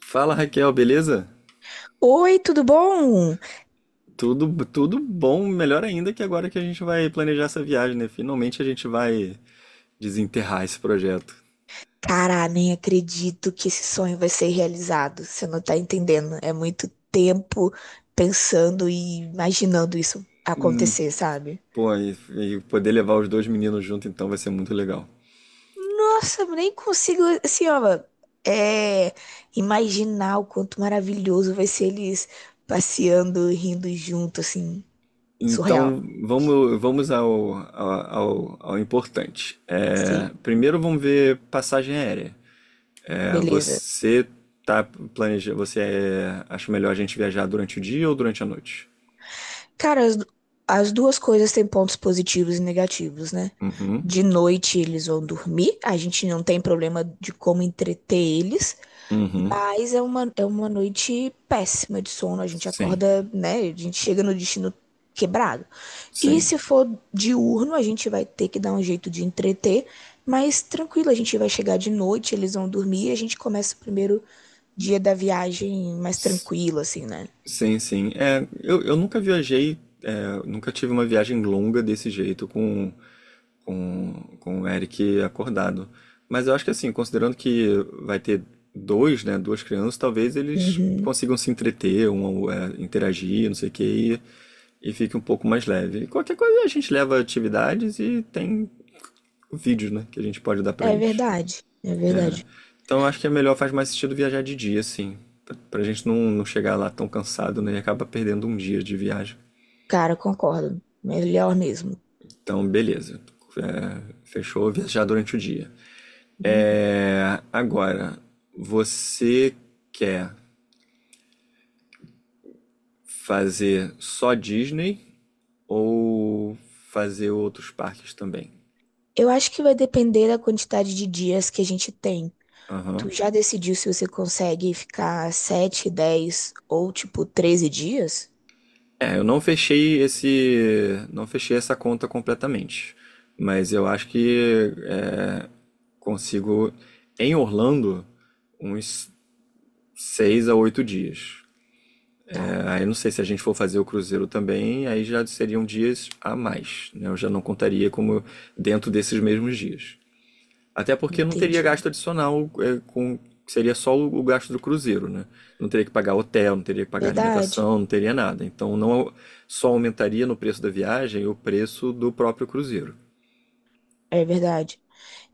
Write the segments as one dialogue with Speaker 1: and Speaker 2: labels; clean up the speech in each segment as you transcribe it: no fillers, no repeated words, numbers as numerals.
Speaker 1: Fala Raquel, beleza?
Speaker 2: Oi, tudo bom?
Speaker 1: Tudo bom, melhor ainda que agora que a gente vai planejar essa viagem, né? Finalmente a gente vai desenterrar esse projeto.
Speaker 2: Cara, nem acredito que esse sonho vai ser realizado. Você não tá entendendo. É muito tempo pensando e imaginando isso acontecer, sabe?
Speaker 1: Pô, e poder levar os dois meninos junto, então vai ser muito legal.
Speaker 2: Nossa, eu nem consigo, assim, ó, é, imaginar o quanto maravilhoso vai ser eles passeando, rindo junto, assim, surreal.
Speaker 1: Então vamos ao importante.
Speaker 2: Sim,
Speaker 1: É, primeiro vamos ver passagem aérea. É,
Speaker 2: beleza.
Speaker 1: você tá planejando, você é, acha melhor a gente viajar durante o dia ou durante a noite?
Speaker 2: Cara, as duas coisas têm pontos positivos e negativos, né?
Speaker 1: Uhum.
Speaker 2: De noite eles vão dormir, a gente não tem problema de como entreter eles,
Speaker 1: Uhum.
Speaker 2: mas é uma noite péssima de sono, a gente
Speaker 1: Sim.
Speaker 2: acorda, né? A gente chega no destino quebrado. E
Speaker 1: Sim.
Speaker 2: se for diurno, a gente vai ter que dar um jeito de entreter, mas tranquilo, a gente vai chegar de noite, eles vão dormir e a gente começa o primeiro dia da viagem mais tranquilo, assim, né?
Speaker 1: Sim, sim. É, eu nunca viajei, nunca tive uma viagem longa desse jeito com, com, com o Eric acordado. Mas eu acho que, assim, considerando que vai ter dois, né, duas crianças, talvez eles
Speaker 2: Uhum.
Speaker 1: consigam se entreter, um, é, interagir, não sei o quê, e fique um pouco mais leve. E qualquer coisa, a gente leva atividades e tem vídeos, né, que a gente pode dar pra
Speaker 2: É
Speaker 1: eles.
Speaker 2: verdade, é verdade.
Speaker 1: Então eu acho que é melhor, faz mais sentido viajar de dia, assim, pra gente não chegar lá tão cansado, né, e acaba perdendo um dia de viagem.
Speaker 2: Cara, concordo. Melhor mesmo.
Speaker 1: Então, beleza. É, fechou, viajar durante o dia.
Speaker 2: Hum.
Speaker 1: É, agora, você quer fazer só Disney ou fazer outros parques também?
Speaker 2: Eu acho que vai depender da quantidade de dias que a gente tem.
Speaker 1: Aham.
Speaker 2: Tu já decidiu se você consegue ficar 7, 10 ou tipo 13 dias?
Speaker 1: É, eu não fechei esse, não fechei essa conta completamente, mas eu acho que é, consigo em Orlando uns 6 a 8 dias.
Speaker 2: Tá,
Speaker 1: Ah, eu não sei se a gente for fazer o cruzeiro também, aí já seriam dias a mais, né? Eu já não contaria como dentro desses mesmos dias. Até porque não teria
Speaker 2: entendi.
Speaker 1: gasto adicional, é, com, seria só o gasto do cruzeiro, né? Não teria que pagar hotel, não teria que pagar
Speaker 2: Verdade.
Speaker 1: alimentação, não teria nada. Então não só aumentaria no preço da viagem o preço do próprio cruzeiro.
Speaker 2: É verdade.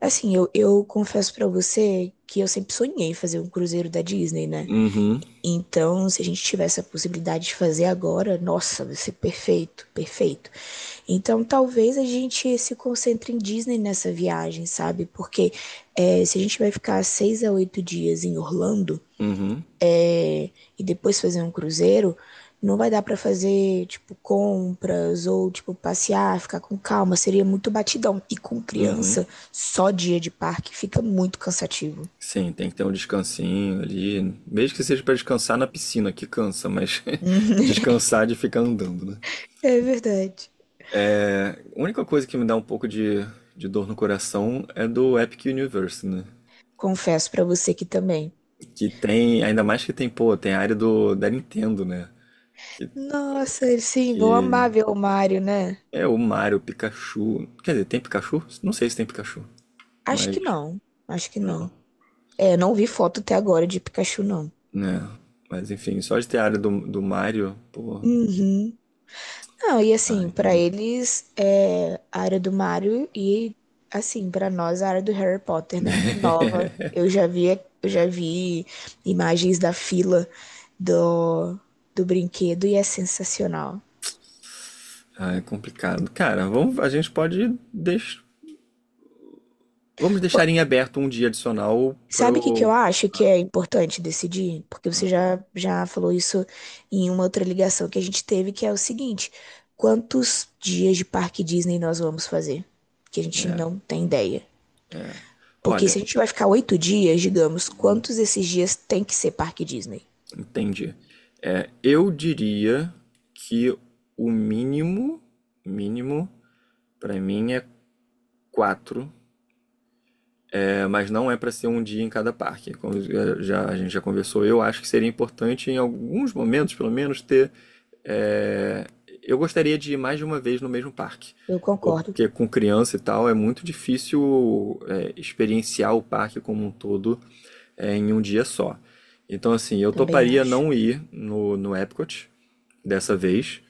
Speaker 2: Assim, eu confesso pra você que eu sempre sonhei em fazer um cruzeiro da Disney, né?
Speaker 1: Uhum.
Speaker 2: Então, se a gente tivesse a possibilidade de fazer agora, nossa, vai ser perfeito, perfeito. Então, talvez a gente se concentre em Disney nessa viagem, sabe? Porque é, se a gente vai ficar seis a oito dias em Orlando
Speaker 1: Uhum.
Speaker 2: é, e depois fazer um cruzeiro, não vai dar pra fazer, tipo, compras ou, tipo, passear, ficar com calma. Seria muito batidão. E com
Speaker 1: Uhum.
Speaker 2: criança, só dia de parque fica muito cansativo.
Speaker 1: Sim, tem que ter um descansinho ali, mesmo que seja para descansar na piscina, que cansa, mas
Speaker 2: Hum.
Speaker 1: descansar de ficar andando, né?
Speaker 2: É verdade.
Speaker 1: A única coisa que me dá um pouco de dor no coração é do Epic Universe, né?
Speaker 2: Confesso pra você que também.
Speaker 1: Que tem, ainda mais que tem, pô, tem a área da Nintendo, né? Que,
Speaker 2: Nossa, eles sim, vão
Speaker 1: que
Speaker 2: amar ver o Mário, né?
Speaker 1: é o Mario, Pikachu. Quer dizer, tem Pikachu? Não sei se tem Pikachu,
Speaker 2: Acho que
Speaker 1: mas.
Speaker 2: não. Acho que não.
Speaker 1: Não.
Speaker 2: É, não vi foto até agora de Pikachu, não.
Speaker 1: Né? Mas, enfim, só de ter a área do Mario, pô,
Speaker 2: Uhum. Não, e assim, pra
Speaker 1: aí,
Speaker 2: eles é a área do Mario e assim, pra nós a área do Harry Potter, né? Nova. Eu já vi imagens da fila do, do brinquedo e é sensacional.
Speaker 1: aí é complicado. Cara, vamos, a gente pode deix, vamos
Speaker 2: Pô,
Speaker 1: deixar em aberto um dia adicional
Speaker 2: sabe o que que
Speaker 1: pro.
Speaker 2: eu acho que é importante decidir? Porque você
Speaker 1: Ah,
Speaker 2: já falou isso em uma outra ligação que a gente teve, que é o seguinte: quantos dias de parque Disney nós vamos fazer? Que a gente
Speaker 1: é,
Speaker 2: não tem ideia.
Speaker 1: é.
Speaker 2: Porque
Speaker 1: Olha.
Speaker 2: se a gente vai ficar oito dias, digamos, quantos desses dias tem que ser parque Disney?
Speaker 1: Entendi. É, eu diria que o mínimo, mínimo, para mim é quatro, é, mas não é para ser um dia em cada parque. Como a gente já conversou, eu acho que seria importante em alguns momentos, pelo menos, ter. É, eu gostaria de ir mais de uma vez no mesmo parque,
Speaker 2: Eu concordo,
Speaker 1: porque, com criança e tal, é muito difícil experienciar o parque como um todo, é, em um dia só. Então, assim, eu
Speaker 2: também
Speaker 1: toparia
Speaker 2: acho.
Speaker 1: não ir no Epcot dessa vez.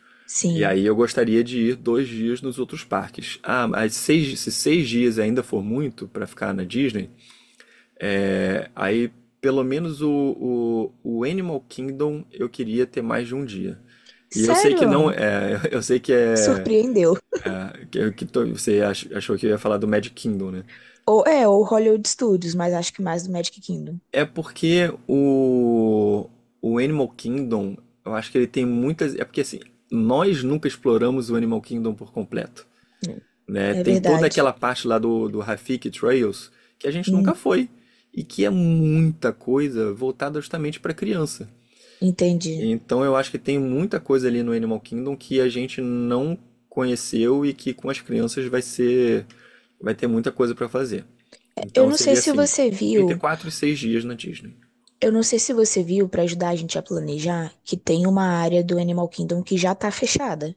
Speaker 1: E
Speaker 2: Sim.
Speaker 1: aí eu gostaria de ir 2 dias nos outros parques. Ah, mas se 6 dias ainda for muito para ficar na Disney, é, aí pelo menos o Animal Kingdom eu queria ter mais de um dia. E eu sei que não
Speaker 2: Sério?
Speaker 1: é, eu sei que é,
Speaker 2: Surpreendeu.
Speaker 1: você achou que eu ia falar do Magic Kingdom, né?
Speaker 2: Ou é, ou Hollywood Studios, mas acho que mais do Magic Kingdom.
Speaker 1: É porque o Animal Kingdom, eu acho que ele tem muitas. É porque, assim, nós nunca exploramos o Animal Kingdom por completo,
Speaker 2: Né?
Speaker 1: né?
Speaker 2: É
Speaker 1: Tem toda
Speaker 2: verdade.
Speaker 1: aquela parte lá do Rafiki Trails que a gente nunca
Speaker 2: Hum,
Speaker 1: foi e que é muita coisa voltada justamente para criança.
Speaker 2: entendi.
Speaker 1: Então eu acho que tem muita coisa ali no Animal Kingdom que a gente não conheceu e que, com as crianças, vai ter muita coisa para fazer.
Speaker 2: Eu
Speaker 1: Então
Speaker 2: não sei
Speaker 1: seria
Speaker 2: se
Speaker 1: assim,
Speaker 2: você
Speaker 1: entre
Speaker 2: viu
Speaker 1: 4 e 6 dias na Disney.
Speaker 2: Eu não sei se você viu, para ajudar a gente a planejar, que tem uma área do Animal Kingdom que já tá fechada,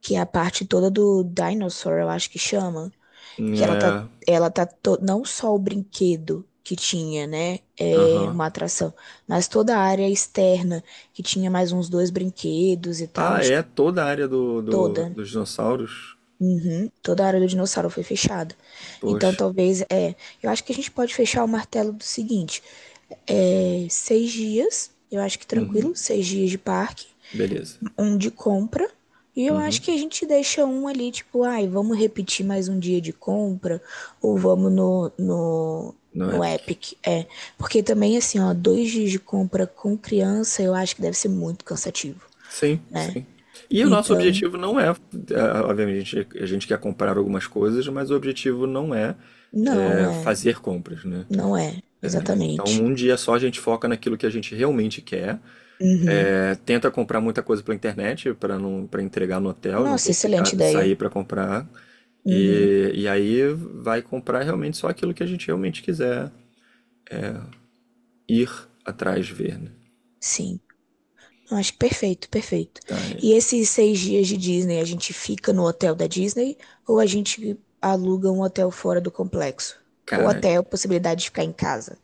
Speaker 2: que é a parte toda do Dinosaur, eu acho que chama, que
Speaker 1: É,
Speaker 2: ela tá to- não só o brinquedo que tinha, né, é
Speaker 1: aham.
Speaker 2: uma atração, mas toda a área externa que tinha mais uns dois brinquedos e tal,
Speaker 1: Ah,
Speaker 2: acho
Speaker 1: é
Speaker 2: que
Speaker 1: toda a área
Speaker 2: toda,
Speaker 1: dos dinossauros?
Speaker 2: uhum, toda a área do dinossauro foi fechada. Então
Speaker 1: Poxa.
Speaker 2: eu acho que a gente pode fechar o martelo do seguinte. É, seis dias, eu acho que
Speaker 1: Uhum.
Speaker 2: tranquilo, seis dias de parque,
Speaker 1: Beleza.
Speaker 2: um de compra. E eu acho
Speaker 1: Uhum.
Speaker 2: que a gente deixa um ali, tipo, ai, vamos repetir mais um dia de compra, ou vamos
Speaker 1: No
Speaker 2: no
Speaker 1: Epic.
Speaker 2: Epic. É, porque também, assim, ó, dois dias de compra com criança, eu acho que deve ser muito cansativo,
Speaker 1: Sim,
Speaker 2: né?
Speaker 1: sim. E o nosso
Speaker 2: Então,
Speaker 1: objetivo não é, é, obviamente, a gente quer comprar algumas coisas, mas o objetivo não é,
Speaker 2: não
Speaker 1: é
Speaker 2: é,
Speaker 1: fazer compras, né?
Speaker 2: não é,
Speaker 1: Então,
Speaker 2: exatamente.
Speaker 1: um dia só a gente foca naquilo que a gente realmente quer.
Speaker 2: Uhum.
Speaker 1: É, tenta comprar muita coisa pela internet, para não, para entregar no hotel, não
Speaker 2: Nossa,
Speaker 1: ter que
Speaker 2: excelente
Speaker 1: ficar,
Speaker 2: ideia.
Speaker 1: sair para comprar.
Speaker 2: Uhum.
Speaker 1: E aí vai comprar realmente só aquilo que a gente realmente quiser ir atrás ver, né?
Speaker 2: Sim. Eu acho perfeito, perfeito.
Speaker 1: Tá, é,
Speaker 2: E esses seis dias de Disney, a gente fica no hotel da Disney ou a gente aluga um hotel fora do complexo? Ou
Speaker 1: cara,
Speaker 2: até a possibilidade de ficar em casa,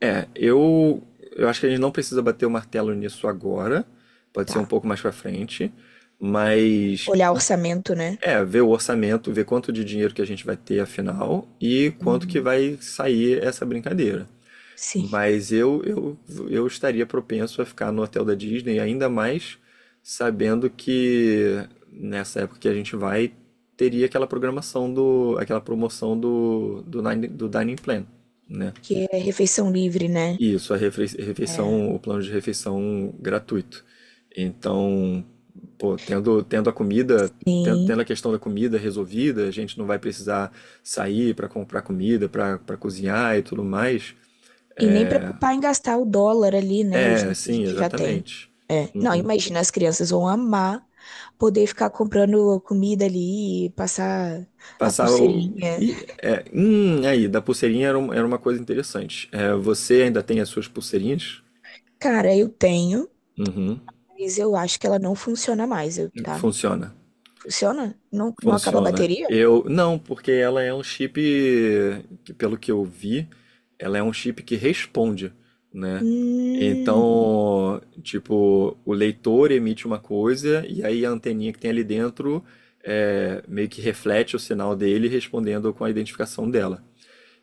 Speaker 1: é, eu acho que a gente não precisa bater o martelo nisso agora, pode ser um
Speaker 2: tá?
Speaker 1: pouco mais para frente, mas
Speaker 2: Olhar orçamento, né?
Speaker 1: ver o orçamento, ver quanto de dinheiro que a gente vai ter afinal e quanto que
Speaker 2: Uhum.
Speaker 1: vai sair essa brincadeira.
Speaker 2: Sim,
Speaker 1: Mas eu estaria propenso a ficar no hotel da Disney, ainda mais sabendo que, nessa época que a gente vai, teria aquela programação do, aquela promoção do Dining Plan, né?
Speaker 2: que é refeição livre, né?
Speaker 1: Isso, a
Speaker 2: É.
Speaker 1: refeição, o plano de refeição gratuito. Então, pô, tendo a comida,
Speaker 2: Sim.
Speaker 1: a questão da comida resolvida, a gente não vai precisar sair para comprar comida, para cozinhar e tudo mais.
Speaker 2: E nem preocupar em gastar o dólar ali, né? O
Speaker 1: É,
Speaker 2: dinheiro que a
Speaker 1: sim,
Speaker 2: gente já tem.
Speaker 1: exatamente.
Speaker 2: É. Não,
Speaker 1: Uhum.
Speaker 2: imagina, as crianças vão amar poder ficar comprando comida ali, passar a
Speaker 1: Passar o.
Speaker 2: pulseirinha.
Speaker 1: E, é, aí, da pulseirinha era, era uma coisa interessante. É, você ainda tem as suas pulseirinhas?
Speaker 2: Cara, eu tenho.
Speaker 1: Uhum.
Speaker 2: Mas eu acho que ela não funciona mais, eu- tá?
Speaker 1: Funciona.
Speaker 2: Funciona? Não, não acaba a
Speaker 1: Funciona.
Speaker 2: bateria?
Speaker 1: Eu. Não, porque ela é um chip. Pelo que eu vi, ela é um chip que responde, né?
Speaker 2: Hum,
Speaker 1: Então, tipo, o leitor emite uma coisa e aí a anteninha que tem ali dentro meio que reflete o sinal dele, respondendo com a identificação dela.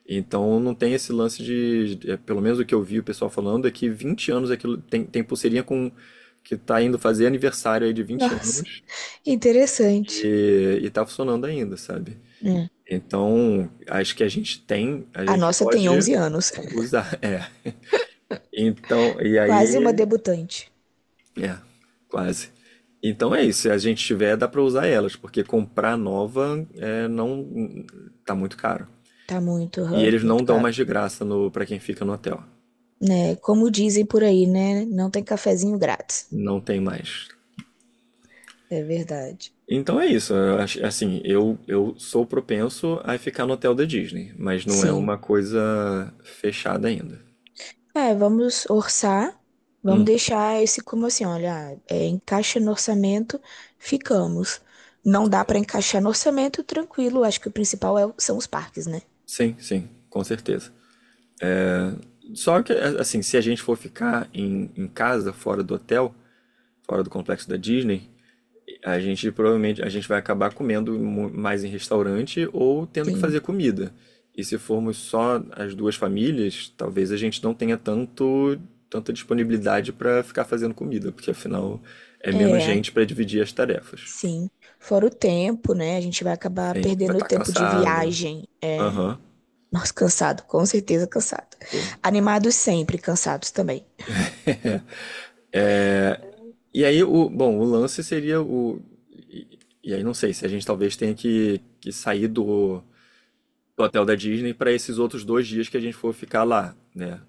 Speaker 1: Então não tem esse lance pelo menos o que eu vi o pessoal falando, é que 20 anos é aquilo, tem pulseirinha com que tá indo fazer aniversário aí de vinte
Speaker 2: nossa,
Speaker 1: anos
Speaker 2: interessante.
Speaker 1: e tá funcionando ainda, sabe?
Speaker 2: Hum,
Speaker 1: Então, acho que a
Speaker 2: A
Speaker 1: gente
Speaker 2: nossa tem
Speaker 1: pode
Speaker 2: 11 anos,
Speaker 1: usar, é. Então, e
Speaker 2: quase uma
Speaker 1: aí,
Speaker 2: debutante.
Speaker 1: é, quase. Então é isso, se a gente tiver, dá pra usar elas, porque comprar nova é, não tá muito caro.
Speaker 2: Tá muito,
Speaker 1: E eles
Speaker 2: muito
Speaker 1: não dão
Speaker 2: caro.
Speaker 1: mais de graça no para quem fica no hotel.
Speaker 2: Né? Como dizem por aí, né? Não tem cafezinho grátis.
Speaker 1: Não tem mais.
Speaker 2: É verdade.
Speaker 1: Então é isso. Eu acho, assim, eu sou propenso a ficar no hotel da Disney, mas não é
Speaker 2: Sim.
Speaker 1: uma coisa fechada ainda.
Speaker 2: É, vamos orçar, vamos
Speaker 1: Hum.
Speaker 2: deixar esse como assim, olha, é, encaixa no orçamento, ficamos. Não dá para encaixar no orçamento, tranquilo. Acho que o principal é- são os parques, né?
Speaker 1: Sim, sim, com certeza. Só que, assim, se a gente for ficar em casa, fora do hotel, fora do complexo da Disney, a gente, provavelmente, a gente vai acabar comendo mais em restaurante ou tendo que
Speaker 2: Sim,
Speaker 1: fazer comida. E, se formos só as duas famílias, talvez a gente não tenha tanto tanta disponibilidade para ficar fazendo comida, porque, afinal, é menos
Speaker 2: é,
Speaker 1: gente para dividir as tarefas.
Speaker 2: sim. Fora o tempo, né? A gente vai acabar
Speaker 1: Sim, vai
Speaker 2: perdendo o
Speaker 1: estar
Speaker 2: tempo de
Speaker 1: cansado.
Speaker 2: viagem. É.
Speaker 1: Aham,
Speaker 2: Nossa, cansado, com certeza cansado.
Speaker 1: pô.
Speaker 2: Animados sempre, cansados também.
Speaker 1: E aí o, bom, o lance seria o, e, e aí não sei se a gente talvez tenha que sair do hotel da Disney para esses outros 2 dias que a gente for ficar lá, né?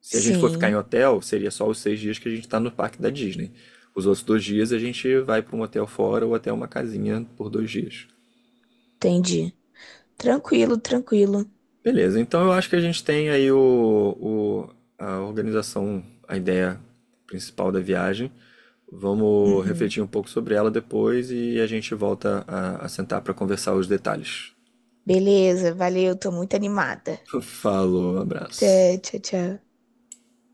Speaker 1: Se a gente for ficar em
Speaker 2: Sim,
Speaker 1: hotel, seria só os 6 dias que a gente está no parque da Disney. Os outros 2 dias a gente vai para um hotel fora ou até uma casinha por 2 dias.
Speaker 2: entendi. Tranquilo, tranquilo.
Speaker 1: Beleza, então eu acho que a gente tem aí o- a organização, a ideia principal da viagem. Vamos
Speaker 2: Uhum.
Speaker 1: refletir um pouco sobre ela depois e a gente volta a sentar para conversar os detalhes.
Speaker 2: Beleza, valeu, tô muito animada.
Speaker 1: Falou, abraço.
Speaker 2: Até, tchau, tchau.